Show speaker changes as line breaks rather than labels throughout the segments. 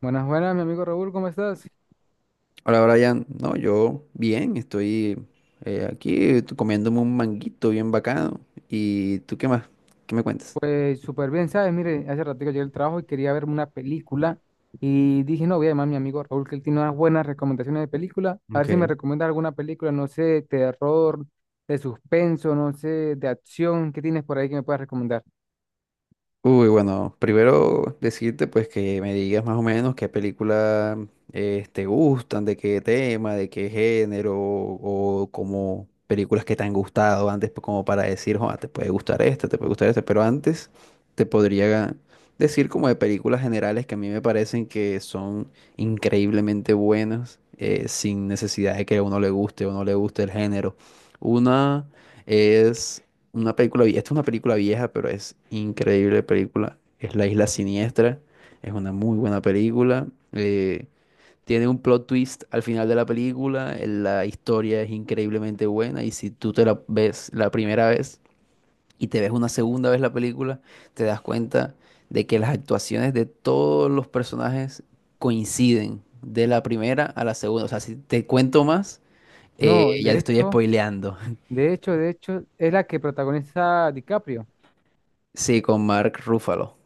Buenas, buenas, mi amigo Raúl, ¿cómo estás?
Hola Brian, no, yo bien, estoy comiéndome un manguito bien bacano. ¿Y tú qué más? ¿Qué me cuentas?
Pues súper bien, ¿sabes? Mire, hace ratito llegué al trabajo y quería verme una película y dije, no, voy a llamar a mi amigo Raúl, que él tiene unas buenas recomendaciones de película, a ver si me
Ok.
recomienda alguna película, no sé, terror, de suspenso, no sé, de acción, ¿qué tienes por ahí que me puedas recomendar?
Uy, bueno, primero decirte pues que me digas más o menos qué películas te gustan, de qué tema, de qué género o como películas que te han gustado antes pues, como para decir, "Joa, te puede gustar esta, te puede gustar esta, pero antes te podría decir como de películas generales que a mí me parecen que son increíblemente buenas sin necesidad de que a uno le guste o no le guste el género. Una es una película, esta es una película vieja, pero es increíble película. Es La Isla Siniestra. Es una muy buena película. eh, Tiene un plot twist al final de la película. La historia es increíblemente buena. Y si tú te la ves la primera vez y te ves una segunda vez la película, te das cuenta de que las actuaciones de todos los personajes coinciden de la primera a la segunda. O sea, si te cuento más,
No,
ya te
de
estoy
hecho,
spoileando.
de hecho, es la que protagoniza DiCaprio.
Sí, con Mark Ruffalo,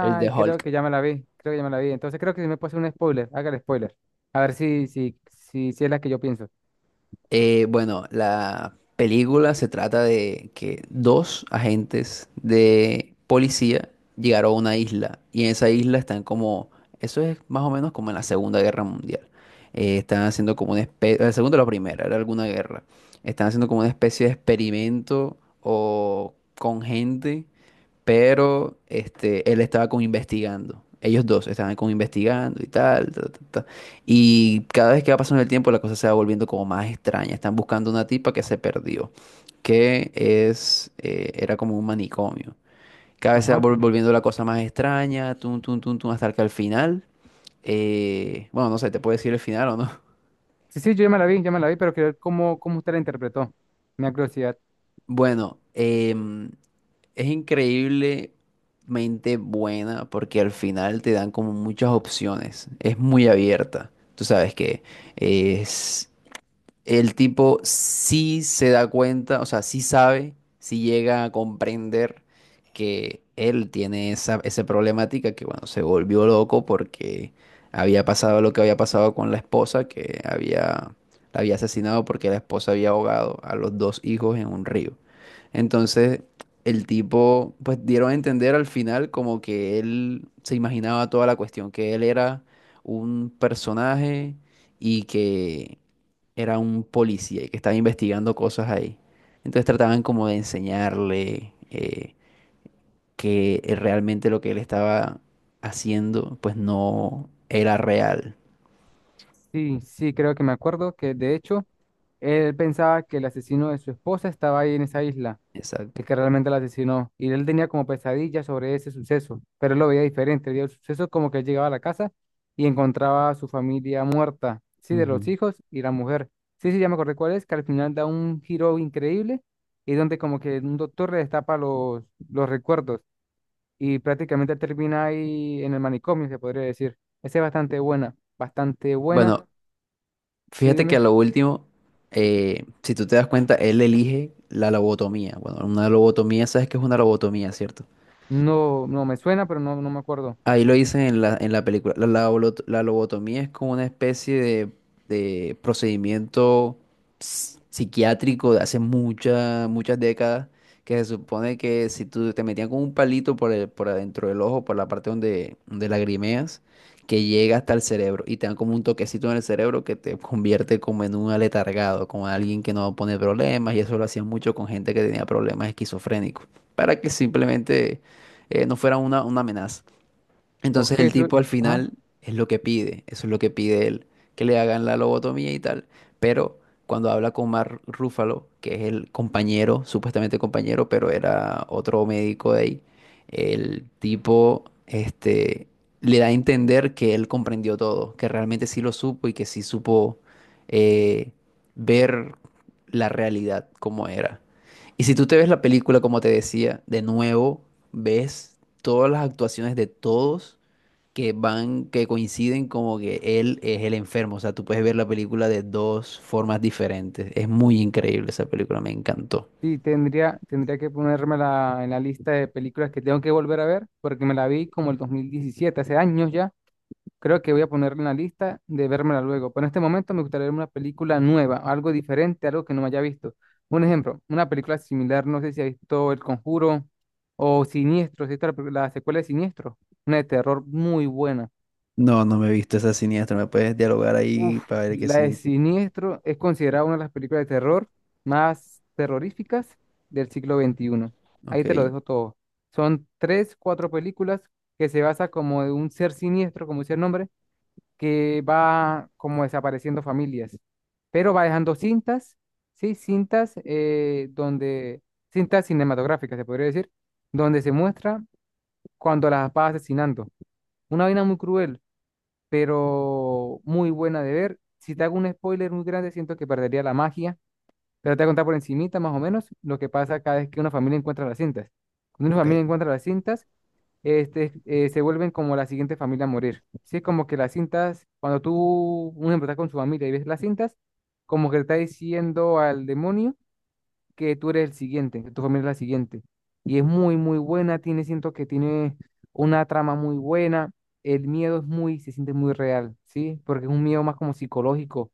el de Hulk.
creo que ya me la vi, entonces creo que si me puede hacer un spoiler, haga el spoiler, a ver si es la que yo pienso.
Bueno, la película se trata de que dos agentes de policía llegaron a una isla y en esa isla están como, eso es más o menos como en la Segunda Guerra Mundial. Están haciendo como una especie, la segunda o la primera, era alguna guerra. Están haciendo como una especie de experimento o con gente pero este, él estaba como investigando. Ellos dos estaban como investigando y tal, ta, ta, ta. Y cada vez que va pasando el tiempo, la cosa se va volviendo como más extraña. Están buscando una tipa que se perdió, era como un manicomio. Cada vez se va
Ajá.
volviendo la cosa más extraña, tum, tum, tum, tum, hasta que al final, bueno, no sé, te puedo decir el final o no.
Sí, sí, yo ya me la vi, ya me la vi, pero quiero ver cómo usted la interpretó. Me da curiosidad.
Bueno, es increíblemente buena porque al final te dan como muchas opciones. Es muy abierta. Tú sabes que es el tipo sí se da cuenta, o sea, sí sabe, sí llega a comprender que él tiene esa problemática, que bueno, se volvió loco porque había pasado lo que había pasado con la esposa, que había, la había asesinado porque la esposa había ahogado a los dos hijos en un río. Entonces, el tipo, pues dieron a entender al final como que él se imaginaba toda la cuestión, que él era un personaje y que era un policía y que estaba investigando cosas ahí. Entonces trataban como de enseñarle que realmente lo que él estaba haciendo pues no era real.
Sí, sí, creo que me acuerdo que de hecho él pensaba que el asesino de su esposa estaba ahí en esa isla,
Exacto.
el que realmente la asesinó. Y él tenía como pesadillas sobre ese suceso, pero él lo veía diferente. Él veía el suceso como que él llegaba a la casa y encontraba a su familia muerta, sí, de los
Ujú.
hijos y la mujer. Sí, sí, ya me acordé cuál es, que al final da un giro increíble y donde como que un doctor le destapa los recuerdos y prácticamente termina ahí en el manicomio, se podría decir. Esa es bastante buena, bastante buena.
Bueno,
Sí,
fíjate que a
dime.
lo último, si tú te das cuenta, él elige la lobotomía. Bueno, una lobotomía, sabes que es una lobotomía, ¿cierto?
No, no me suena, pero no, no me acuerdo.
Ahí lo dicen en en la película. La lobotomía es como una especie de procedimiento psiquiátrico de hace muchas, muchas décadas, que se supone que si tú te metían con un palito por el, por adentro del ojo, por la parte donde, donde lagrimeas, que llega hasta el cerebro y te dan como un toquecito en el cerebro que te convierte como en un aletargado, como alguien que no pone problemas, y eso lo hacían mucho con gente que tenía problemas esquizofrénicos, para que simplemente no fuera una amenaza. Entonces
Ok,
el tipo al final es lo que pide, eso es lo que pide él, que le hagan la lobotomía y tal. Pero cuando habla con Mark Ruffalo, que es el compañero, supuestamente compañero, pero era otro médico de ahí, el tipo este, le da a entender que él comprendió todo, que realmente sí lo supo y que sí supo eh, ver la realidad como era. Y si tú te ves la película, como te decía, de nuevo, ves todas las actuaciones de todos que van, que coinciden como que él es el enfermo. O sea, tú puedes ver la película de dos formas diferentes. Es muy increíble esa película, me encantó.
sí, tendría que ponerme en la lista de películas que tengo que volver a ver, porque me la vi como el 2017, hace años ya. Creo que voy a ponerla en la lista de vérmela luego. Pero en este momento me gustaría ver una película nueva, algo diferente, algo que no me haya visto. Un ejemplo, una película similar, no sé si ha visto El Conjuro o Siniestro, si has la, pe- la secuela de Siniestro, una de terror muy buena.
No, no me he visto esa siniestra. ¿Me puedes dialogar ahí
Uf,
para ver qué
la de
significa?
Siniestro es considerada una de las películas de terror más terroríficas del siglo XXI. Ahí
Ok,
te lo dejo todo. Son tres, cuatro películas que se basa como de un ser siniestro, como dice el nombre, que va como desapareciendo familias, pero va dejando cintas, sí, cintas donde, cintas cinematográficas, se podría decir, donde se muestra cuando las va asesinando. Una vaina muy cruel, pero muy buena de ver. Si te hago un spoiler muy grande, siento que perdería la magia, pero te voy a contar por encimita más o menos lo que pasa cada vez que una familia encuentra las cintas. Cuando una
ok.
familia encuentra las cintas, se vuelven como la siguiente familia a morir. Sí, es como que las cintas, cuando tú, un ejemplo, estás con su familia y ves las cintas, como que le está diciendo al demonio que tú eres el siguiente, que tu familia es la siguiente. Y es muy buena, tiene, siento que tiene una trama muy buena, el miedo es muy, se siente muy real, ¿sí? Porque es un miedo más como psicológico,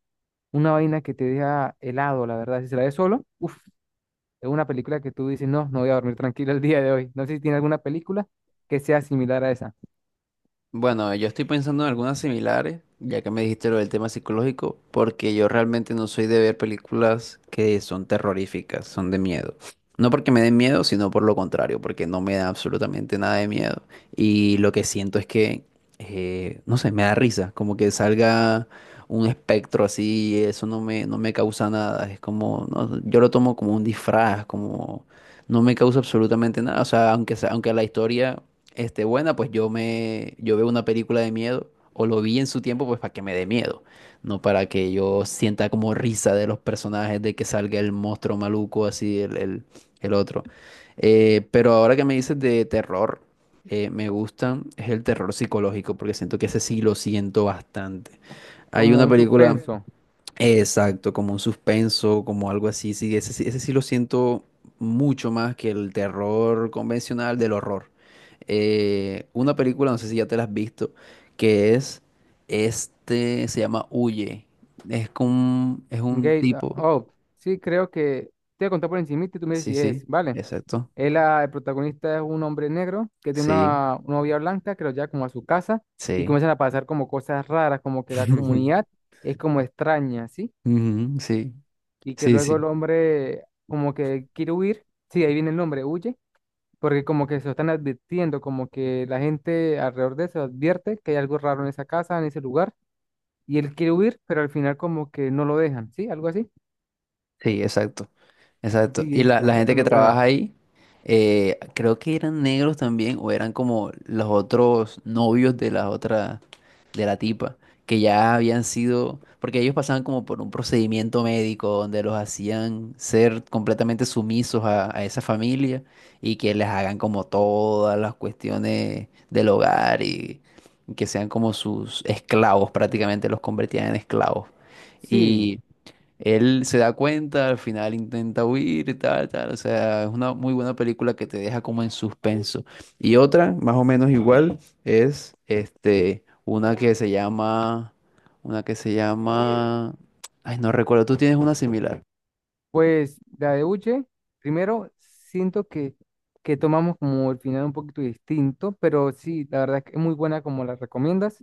una vaina que te deja helado, la verdad. Si se la ves solo, uff, es una película que tú dices, no, no voy a dormir tranquilo el día de hoy. No sé si tiene alguna película que sea similar a esa.
Bueno, yo estoy pensando en algunas similares, ya que me dijiste lo del tema psicológico, porque yo realmente no soy de ver películas que son terroríficas, son de miedo. No porque me den miedo, sino por lo contrario, porque no me da absolutamente nada de miedo. Y lo que siento es que, no sé, me da risa, como que salga un espectro así, eso no me causa nada. Es como, no, yo lo tomo como un disfraz, como no me causa absolutamente nada. O sea, aunque la historia este, buena, pues yo veo una película de miedo, o lo vi en su tiempo, pues para que me dé miedo, no para que yo sienta como risa de los personajes, de que salga el monstruo maluco, así, el otro. Pero ahora que me dices de terror, me gustan, es el terror psicológico, porque siento que ese sí lo siento bastante. Hay
Como
una
un
película.
suspenso.
Exacto, como un suspenso, como algo así. Sí, ese, ese sí lo siento mucho más que el terror convencional del horror. Una película, no sé si ya te la has visto, que es este, se llama Huye. Es con, es un
Gate
tipo.
Up. Sí, creo que te voy a contar por encima y tú me dices
Sí,
si es,
sí,
¿vale?
exacto.
Él, ah, el protagonista es un hombre negro que tiene
Sí,
una novia blanca que lo lleva como a su casa y
sí.
comienzan a pasar como cosas raras, como que la comunidad es como extraña, ¿sí?
Ujú, sí,
Y que
sí,
luego el
sí.
hombre como que quiere huir, sí, ahí viene el nombre, huye, porque como que se lo están advirtiendo, como que la gente alrededor de eso advierte que hay algo raro en esa casa, en ese lugar, y él quiere huir, pero al final como que no lo dejan, ¿sí? Algo así.
Sí, exacto, exacto.
Sí,
Y
esa,
la
esa
gente
es
que
muy
trabaja
buena.
ahí, creo que eran negros también, o eran como los otros novios de la otra, de la tipa, que ya habían sido, porque ellos pasaban como por un procedimiento médico donde los hacían ser completamente sumisos a esa familia y que les hagan como todas las cuestiones del hogar y que sean como sus esclavos, prácticamente los convertían en esclavos.
Sí,
Y él se da cuenta, al final intenta huir y tal, tal. O sea, es una muy buena película que te deja como en suspenso. Y otra, más o menos igual, es este, una que se llama, ay, no recuerdo, tú tienes una similar.
pues la de Uche, primero siento que tomamos como el final un poquito distinto, pero sí, la verdad es que es muy buena como la recomiendas.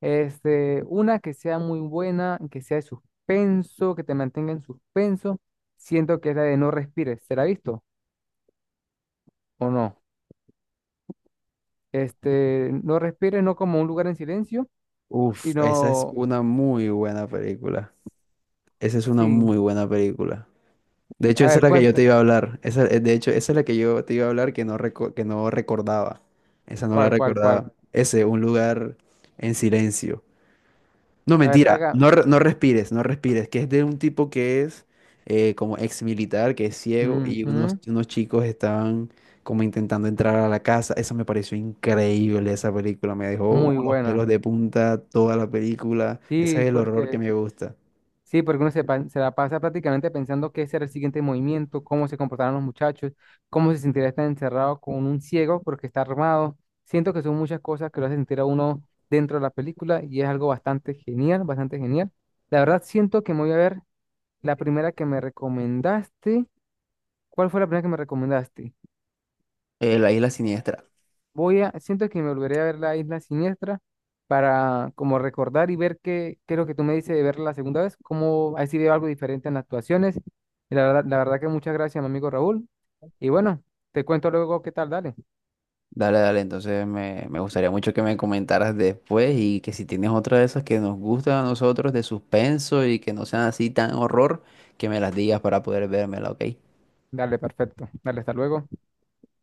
Este, una que sea muy buena, que sea de suspenso, que te mantenga en suspenso. Siento que es la de No Respires, ¿será visto o no? Este, No Respires, no como Un Lugar en Silencio,
Uf, esa es
sino,
una muy buena película. Esa es una
sí,
muy buena película. De hecho,
a
esa es
ver,
la que yo te
cuenta,
iba a hablar. De hecho, esa es la que yo te iba a hablar que no, que no recordaba. Esa no la
¿cuál, cuál, cuál?
recordaba. Ese, un lugar en silencio. No,
A ver,
mentira.
haga,
No, no respires, no respires. Que es de un tipo que es como ex militar, que es ciego, y
ujú,
unos chicos estaban como intentando entrar a la casa. Esa me pareció increíble, esa película. Me dejó
muy
como los
buena.
pelos de punta toda la película. Ese
Sí,
es el horror que me gusta.
sí, porque se la pasa prácticamente pensando qué será el siguiente movimiento, cómo se comportarán los muchachos, cómo se sentirá estar encerrado con un ciego porque está armado. Siento que son muchas cosas que lo hacen sentir a uno dentro de la película y es algo bastante genial, bastante genial. La verdad, siento que me voy a ver la primera que me recomendaste. ¿Cuál fue la primera que me recomendaste?
La isla siniestra.
Voy a, siento que me volveré a ver la Isla Siniestra para como recordar y ver qué es lo que tú me dices de verla la segunda vez, cómo ha sido algo diferente en las actuaciones. Y la verdad que muchas gracias, mi amigo Raúl. Y bueno, te cuento luego qué tal, dale.
Dale, dale, entonces me gustaría mucho que me comentaras después y que si tienes otra de esas que nos gustan a nosotros de suspenso y que no sean así tan horror, que me las digas para poder vérmela, ¿ok?
Dale, perfecto. Dale, hasta luego.